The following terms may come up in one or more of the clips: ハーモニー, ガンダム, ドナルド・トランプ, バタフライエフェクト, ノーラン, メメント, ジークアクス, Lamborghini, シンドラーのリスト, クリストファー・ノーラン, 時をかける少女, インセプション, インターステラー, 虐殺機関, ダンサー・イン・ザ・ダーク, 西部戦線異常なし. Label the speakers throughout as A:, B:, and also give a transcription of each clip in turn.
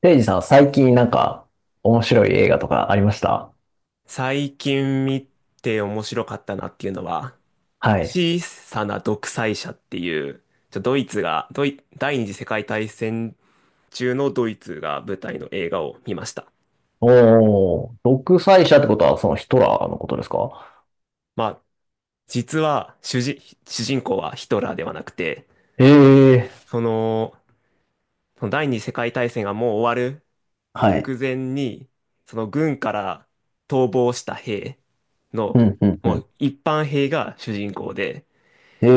A: レイジさん、最近なんか面白い映画とかありました
B: 最近見て面白かったなっていうのは、
A: はい。
B: 小さな独裁者っていう、ちょドイツが、ドイ、第二次世界大戦中のドイツが舞台の映画を見ました。
A: おー、独裁者ってことはそのヒトラーのことですか？
B: まあ、実は主人、主人公はヒトラーではなくて、
A: ええ
B: その、その第二次世界大戦がもう終わる
A: ー、はい。
B: 直前に、その軍から逃亡した兵
A: う
B: の、
A: ん、うん、う
B: も
A: ん。
B: う一般兵が主人公で、
A: ええ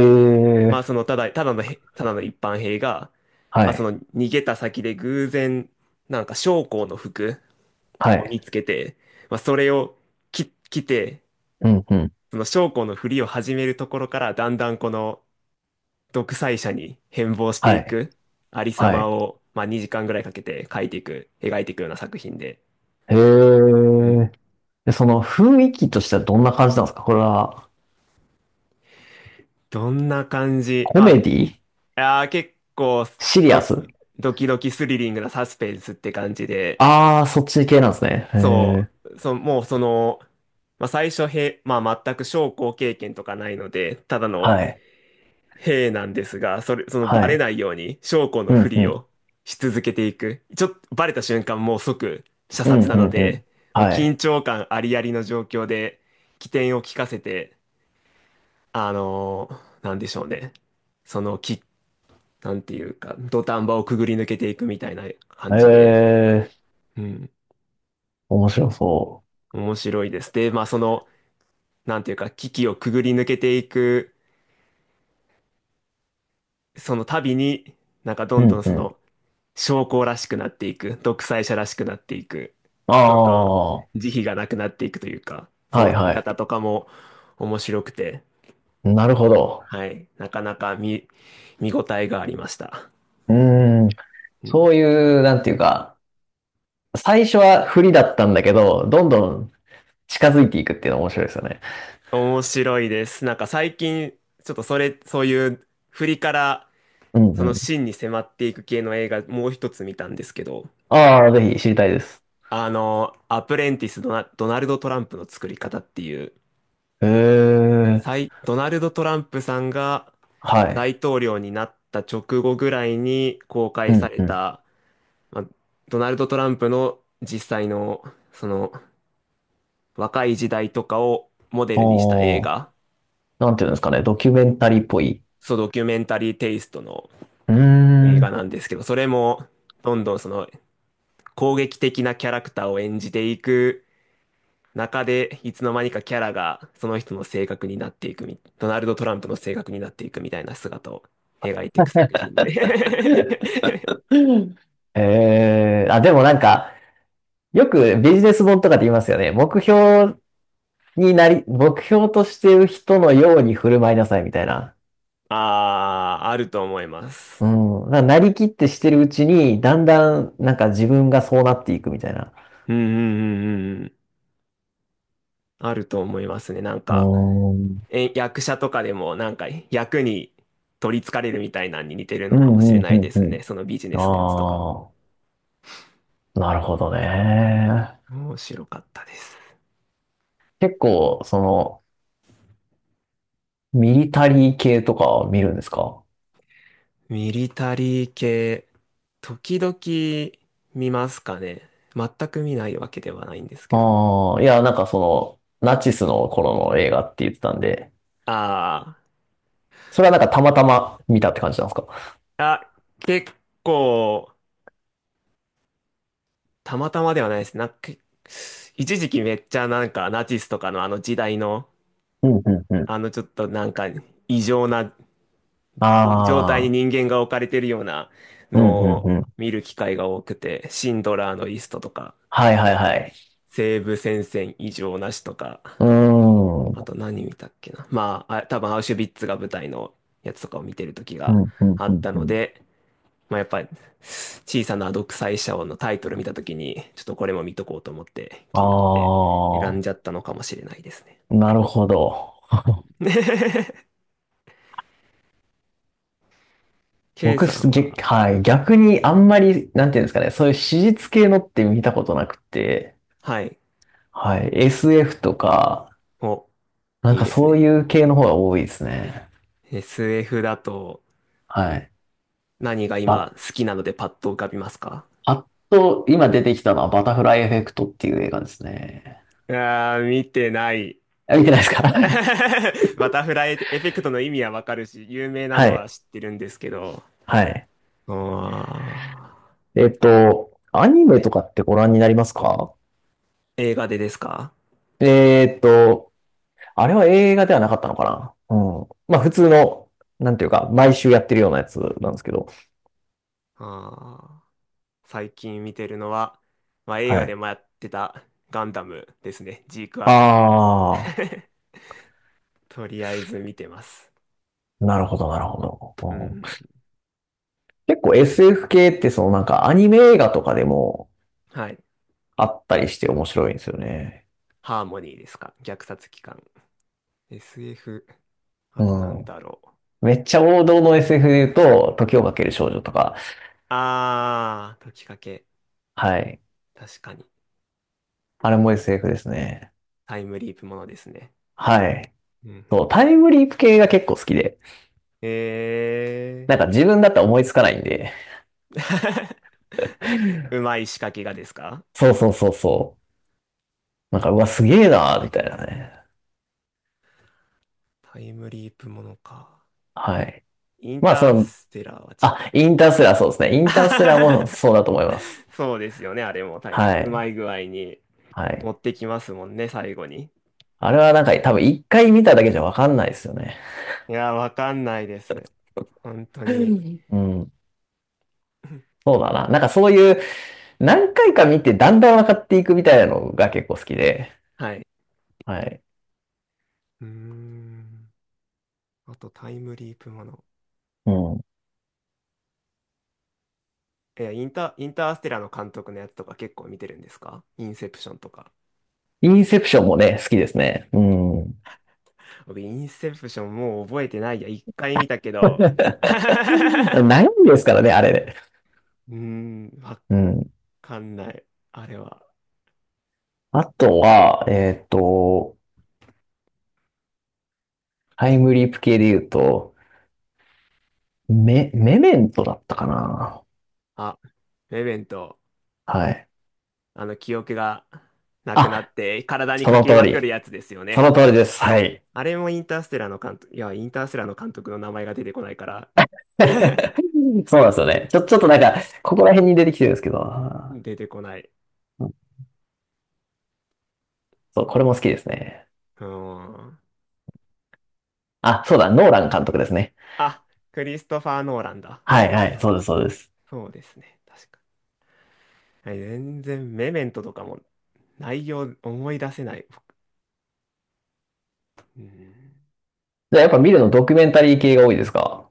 B: まあ
A: ー、
B: ただの一般兵が、
A: は
B: まあそ
A: い、
B: の逃げた先で偶然、なんか将校の服
A: は
B: を
A: い。
B: 見つけて、まあそれを着て、
A: うん、うん、
B: その将校のふりを始めるところから、だんだんこの独裁者に変貌して
A: は
B: い
A: い、
B: く、ありさ
A: は
B: ま
A: い。
B: を、まあ2時間ぐらいかけて描いていくような作品で。
A: ええ
B: う
A: ー、
B: ん。
A: で、その雰囲気としてはどんな感じなんですかこれは、
B: どんな感じ。ま
A: コメディ、
B: あ、結構
A: シリア
B: ド
A: ス？
B: キ、ドキドキスリリングなサスペンスって感じで、
A: ああー、そっち系なんですね。え
B: そ
A: え、
B: う、そ、もうその、まあ、最初へ、まあ、全く将校経験とかないので、ただの
A: はい、
B: 兵なんですが、その
A: は
B: バレ
A: い。
B: ないように将校の
A: う
B: ふ
A: ん、う
B: り
A: ん、
B: をし続けていく。ちょっとバレた瞬間もう即射
A: うん、
B: 殺
A: う
B: なの
A: ん、うん。
B: で、もう
A: は
B: 緊
A: い。
B: 張感ありありの状況で機転を利かせて、なんでしょうね。そのき、なんていうか、土壇場をくぐり抜けていくみたいな感じで、
A: ええ
B: うん、
A: ー、面白そう。
B: 面白いです。で、まあその、なんていうか、危機をくぐり抜けていく、その度に、なんかど
A: う
B: んど
A: ん
B: ん
A: う
B: そ
A: ん。
B: の、将校らしくなっていく、独裁者らしくなっていく、
A: あ
B: どんどん
A: あ、は
B: 慈悲がなくなっていくというか、
A: い
B: その
A: は
B: 姿とかも面白くて、
A: い。なるほど。
B: はい、なかなか見応えがありました。
A: うーん。
B: う
A: そ
B: ん、
A: ういう、なんていうか、最初は不利だったんだけど、どんどん近づいていくっていうの面白いですよね。
B: 面白いです。なんか最近、ちょっとそういう振りから、
A: うん
B: その
A: うん。
B: 真に迫っていく系の映画、もう一つ見たんですけど、
A: ああ、ぜひ知りたいです。
B: あの、アプレンティスドナ、ドナルド・トランプの作り方っていう、
A: へえ、
B: ドナルド・トランプさんが
A: はい。
B: 大統領になった直後ぐらいに公開
A: う
B: さ
A: ん
B: れ
A: うん。
B: た、まあ、ドナルド・トランプの実際の、その、若い時代とかをモデルにした映
A: おお、
B: 画、
A: なんていうんですかね、ドキュメンタリーっぽい。
B: そう、ドキュメンタリーテイストの
A: うー
B: 映
A: ん。
B: 画なんですけど、それも、どんどんその、攻撃的なキャラクターを演じていく中でいつの間にかキャラがその人の性格になっていくみ、ドナルド・トランプの性格になっていくみたいな姿を描いていく作品で。
A: えー、あ、でもなんか、よくビジネス本とかで言いますよね。目標になり、目標としてる人のように振る舞いなさいみたいな。
B: ああ、あると思います。
A: うん。だからなりきってしてるうちに、だんだん、なんか自分がそうなっていくみたいな。
B: うんうんうんうんうん。あると思いますね。なん
A: う
B: か、
A: ーん。
B: 役者とかでもなんか役に取り憑かれるみたいなのに似てる
A: う
B: のかもし
A: ん、
B: れ
A: うん、
B: な
A: う
B: い
A: ん、
B: です
A: うん。
B: ね。そのビジネスのやつとかも。
A: ああ、なるほどね。
B: 面白かったです。
A: 結構、その、ミリタリー系とか見るんですか？
B: ミリタリー系、時々見ますかね。全く見ないわけではないんですけど。
A: ああ、いや、なんかその、ナチスの頃の映画って言ってたんで、
B: あ
A: それはなんかたまたま見たって感じなんですか？
B: あ、結構、たまたまではないです。なんか、一時期めっちゃなんかナチスとかのあの時代の、
A: うん、うん、うん。
B: あのちょっとなんか異常な状態に
A: ああ、
B: 人間が置かれてるような
A: う
B: の
A: ん、うん、
B: を
A: うん。
B: 見る機会が多くて、シンドラーのリストとか、
A: はい、はい、はい。
B: 西部戦線異常なしとか、
A: うー
B: あ
A: ん。
B: と何見たっけな。まあ、多分アウシュビッツが舞台のやつとかを見てる時
A: う
B: が
A: ん、うん、
B: あ
A: う
B: っ
A: ん、
B: た
A: う
B: の
A: ん。
B: で、まあやっぱり小さな独裁者王のタイトル見た時に、ちょっとこれも見とこうと思って気になっ
A: あ
B: て選んじゃっ
A: あ。
B: たのかもしれないですね。
A: なるほど。
B: K
A: 僕
B: さん
A: す、げ、
B: は、
A: はい。逆にあんまり、なんていうんですかね、そういう史実系のって見たことなくて、
B: はい、
A: はい。SF とか、
B: お、
A: なん
B: いい
A: か
B: です
A: そう
B: ね。
A: いう系の方が多いですね。
B: SF だと
A: はい。
B: 何が
A: ば、
B: 今好きなのでパッと浮かびますか？
A: あっと、今出てきたのはバタフライエフェクトっていう映画ですね。
B: あー、見てない。
A: あ、見てないですか？
B: バタフライエフェクトの意味はわかるし、有名な
A: は
B: のは
A: い。
B: 知ってるんですけど、
A: はい。
B: ああ、
A: えっと、アニメとかってご覧になりますか？
B: 映画でですか？
A: えっと、あれは映画ではなかったのかな。うん。まあ普通の、なんていうか、毎週やってるようなやつなんですけど。
B: ああ、最近見てるのは、まあ、映
A: は
B: 画で
A: い。
B: もやってたガンダムですね。ジークアクス。
A: あ
B: とりあえず見てます。
A: あ、なるほど、なるほど。
B: うんう
A: うん、
B: ん。
A: 結構 SF 系って、そのなんかアニメ映画とかでも
B: はい。
A: あったりして面白いんですよね。
B: ハーモニーですか。虐殺機関。SF。あとなん
A: うん。
B: だろう。
A: めっちゃ王道の SF で言うと、時をかける少女とか。
B: ああ、解きかけ。
A: はい。
B: 確かに。
A: あれも SF ですね。
B: タイムリープものですね。
A: はい。
B: うんう
A: そう、タ
B: ん。
A: イムリープ系が結構好きで。
B: ええ
A: なんか自分だったら思いつかないんで。
B: ー。うまい仕掛けがですか？
A: そうそうそうそう。な
B: う
A: んか、う
B: ん、
A: わ、すげえなーみたいなね。
B: タイムリープものか。
A: はい。
B: イン
A: まあ、
B: タ
A: そ
B: ー
A: の、
B: ステラーは違う。
A: あ、インターステラーそうですね。インターステラーもそうだと思います。
B: そうですよね、あれもタイ、
A: は
B: うま
A: い。
B: い具合に
A: は
B: 持
A: い。
B: ってきますもんね、最後に。
A: あれはなんか多分一回見ただけじゃわかんないですよね。
B: いや、わかんないです。本当に。
A: うん。そうだな。なんかそういう何回か見てだんだん分かっていくみたいなのが結構好きで。
B: はい。
A: はい。
B: うーん。あと、タイムリープもの。
A: うん。
B: インターステラーの監督のやつとか結構見てるんですか？インセプションとか。
A: インセプションもね、好きですね。うん。
B: 僕、インセプションもう覚えてないや。一回見たけ ど。
A: 悩みですからね、あれで。
B: うーん、わ
A: うん。
B: かんない。あれは。
A: あとは、えっと、タイムリープ系で言うと、メ、メメントだったかな。
B: あ、レベント、
A: はい。
B: あの記憶がなくな
A: あ、
B: って体に
A: そ
B: 書
A: の
B: き
A: 通
B: まくる
A: り。
B: やつですよ
A: その
B: ね。
A: 通りです。はい。
B: あれもインターステラーの監督、いや、インターステラーの監督の名前が出てこないから。
A: そうなんですよね。ちょ、ちょっとなんか、ここら辺に出てきてるんですけど、あ
B: 出てこない。
A: ーうん、そう、これも好きですね。
B: うーん。
A: あ、そうだ、ノーラン監督ですね。
B: あ、クリストファー・ノーランだ。
A: はい
B: そう
A: は
B: だ、
A: い、
B: そう
A: そうで
B: だ。
A: す、そうです。
B: そうですね。確か。はい、全然、メメントとかも内容思い出せない。うん。
A: じゃあやっぱ見るのドキュメンタリー系が多いですか？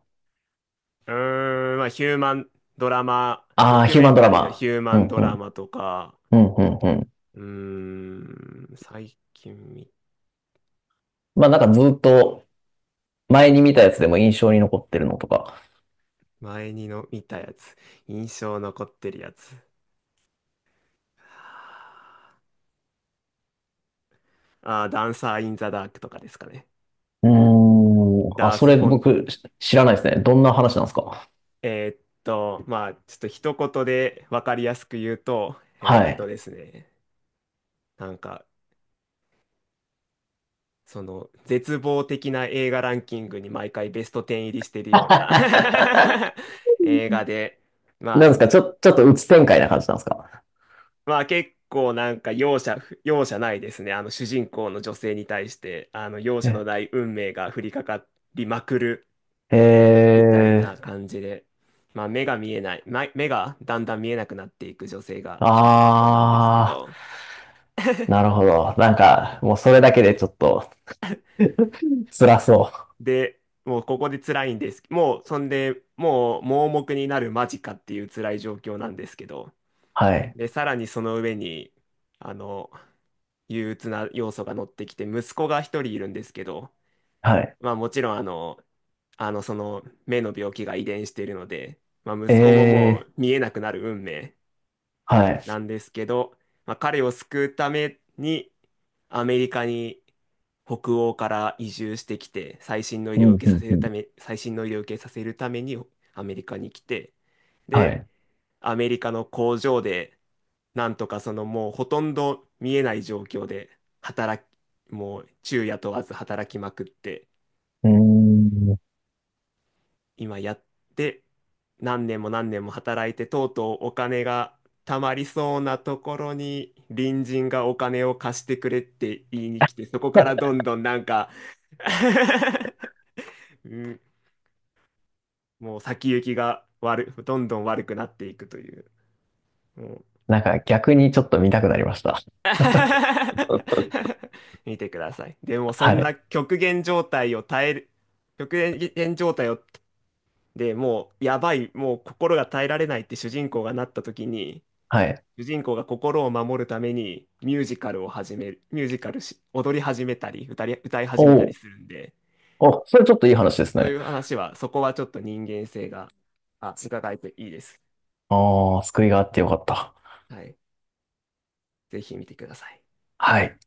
B: うーん、まあ、ヒューマンドラマ、ド
A: ああー、
B: キュ
A: ヒュー
B: メ
A: マン
B: ン
A: ド
B: タ
A: ラ
B: リーの
A: マ。
B: ヒューマ
A: う
B: ン
A: ん
B: ド
A: う
B: ラ
A: ん、
B: マとか、
A: うん、うん、うん。
B: うーん、最近見、
A: まあなんかずっと前に見たやつでも印象に残ってるのとか。
B: 前にの見たやつ。印象残ってるやつ。あー、ダンサー・イン・ザ・ダークとかですかね。
A: うーん、あ、
B: ダー
A: そ
B: ス・
A: れ
B: フォン、
A: 僕し知らないですね。どんな話なんですか？
B: まあ、ちょっと一言で分かりやすく言うと、
A: はい。
B: ですね、なんか、その、絶望的な映画ランキングに毎回ベスト10入りしてるような 映画で、まあ、
A: なんで
B: そ
A: す
B: の、
A: か、ちょ、ちょっと鬱展開な感じなんですか？
B: まあ結構なんか容赦ないですね。あの主人公の女性に対して、あの容赦のな
A: え
B: い運命が降りかかりまくる
A: え
B: みたいな
A: ー、
B: 感じで、まあ目がだんだん見えなくなっていく女性が主人公なんですけ
A: ああ、
B: ど、
A: なるほど。なんか、もうそれだけでちょっと辛そう。
B: で、もうここで辛いんです。もうそんで、もう盲目になる間近っていう辛い状況なんですけど、
A: はい。
B: で、さらにその上に、あの、憂鬱な要素が乗ってきて、息子が一人いるんですけど、
A: はい。
B: まあもちろんその目の病気が遺伝しているので、まあ、
A: え
B: 息子もも
A: え、
B: う見えなくなる運命
A: は
B: な
A: い。
B: んですけど、まあ、彼を救うためにアメリカに北欧から移住してきて、
A: うん、うん、うん。
B: 最新の医療を受けさせるためにアメリカに来て、
A: は
B: で、
A: い。
B: アメリカの工場で、なんとかそのもうほとんど見えない状況で働き、もう昼夜問わず働きまくって、
A: うーん。
B: 今やって何年も何年も働いてとうとうお金が貯まりそうなところに、隣人がお金を貸してくれって言いに来て、そこからどんどんなんか。 うん、もう先行きがどんどん悪くなっていくという、もう。
A: なんか逆にちょっと見たくなりました。
B: 見てください。でもそ
A: は
B: んな
A: い。
B: 極限状態を耐える極限状態を、でもうやばい、もう心が耐えられないって主人公がなった時に、
A: はい。
B: 主人公が心を守るためにミュージカルを始める、ミュージカルし、踊り始めたり、歌い
A: お
B: 始めたり
A: お、
B: するんで、
A: お、それちょっといい話です
B: そう
A: ね。
B: いう話は、そこはちょっと人間性が、伺えていいです。
A: ああ、救いがあってよかった。
B: はい。ぜひ見てください。
A: はい。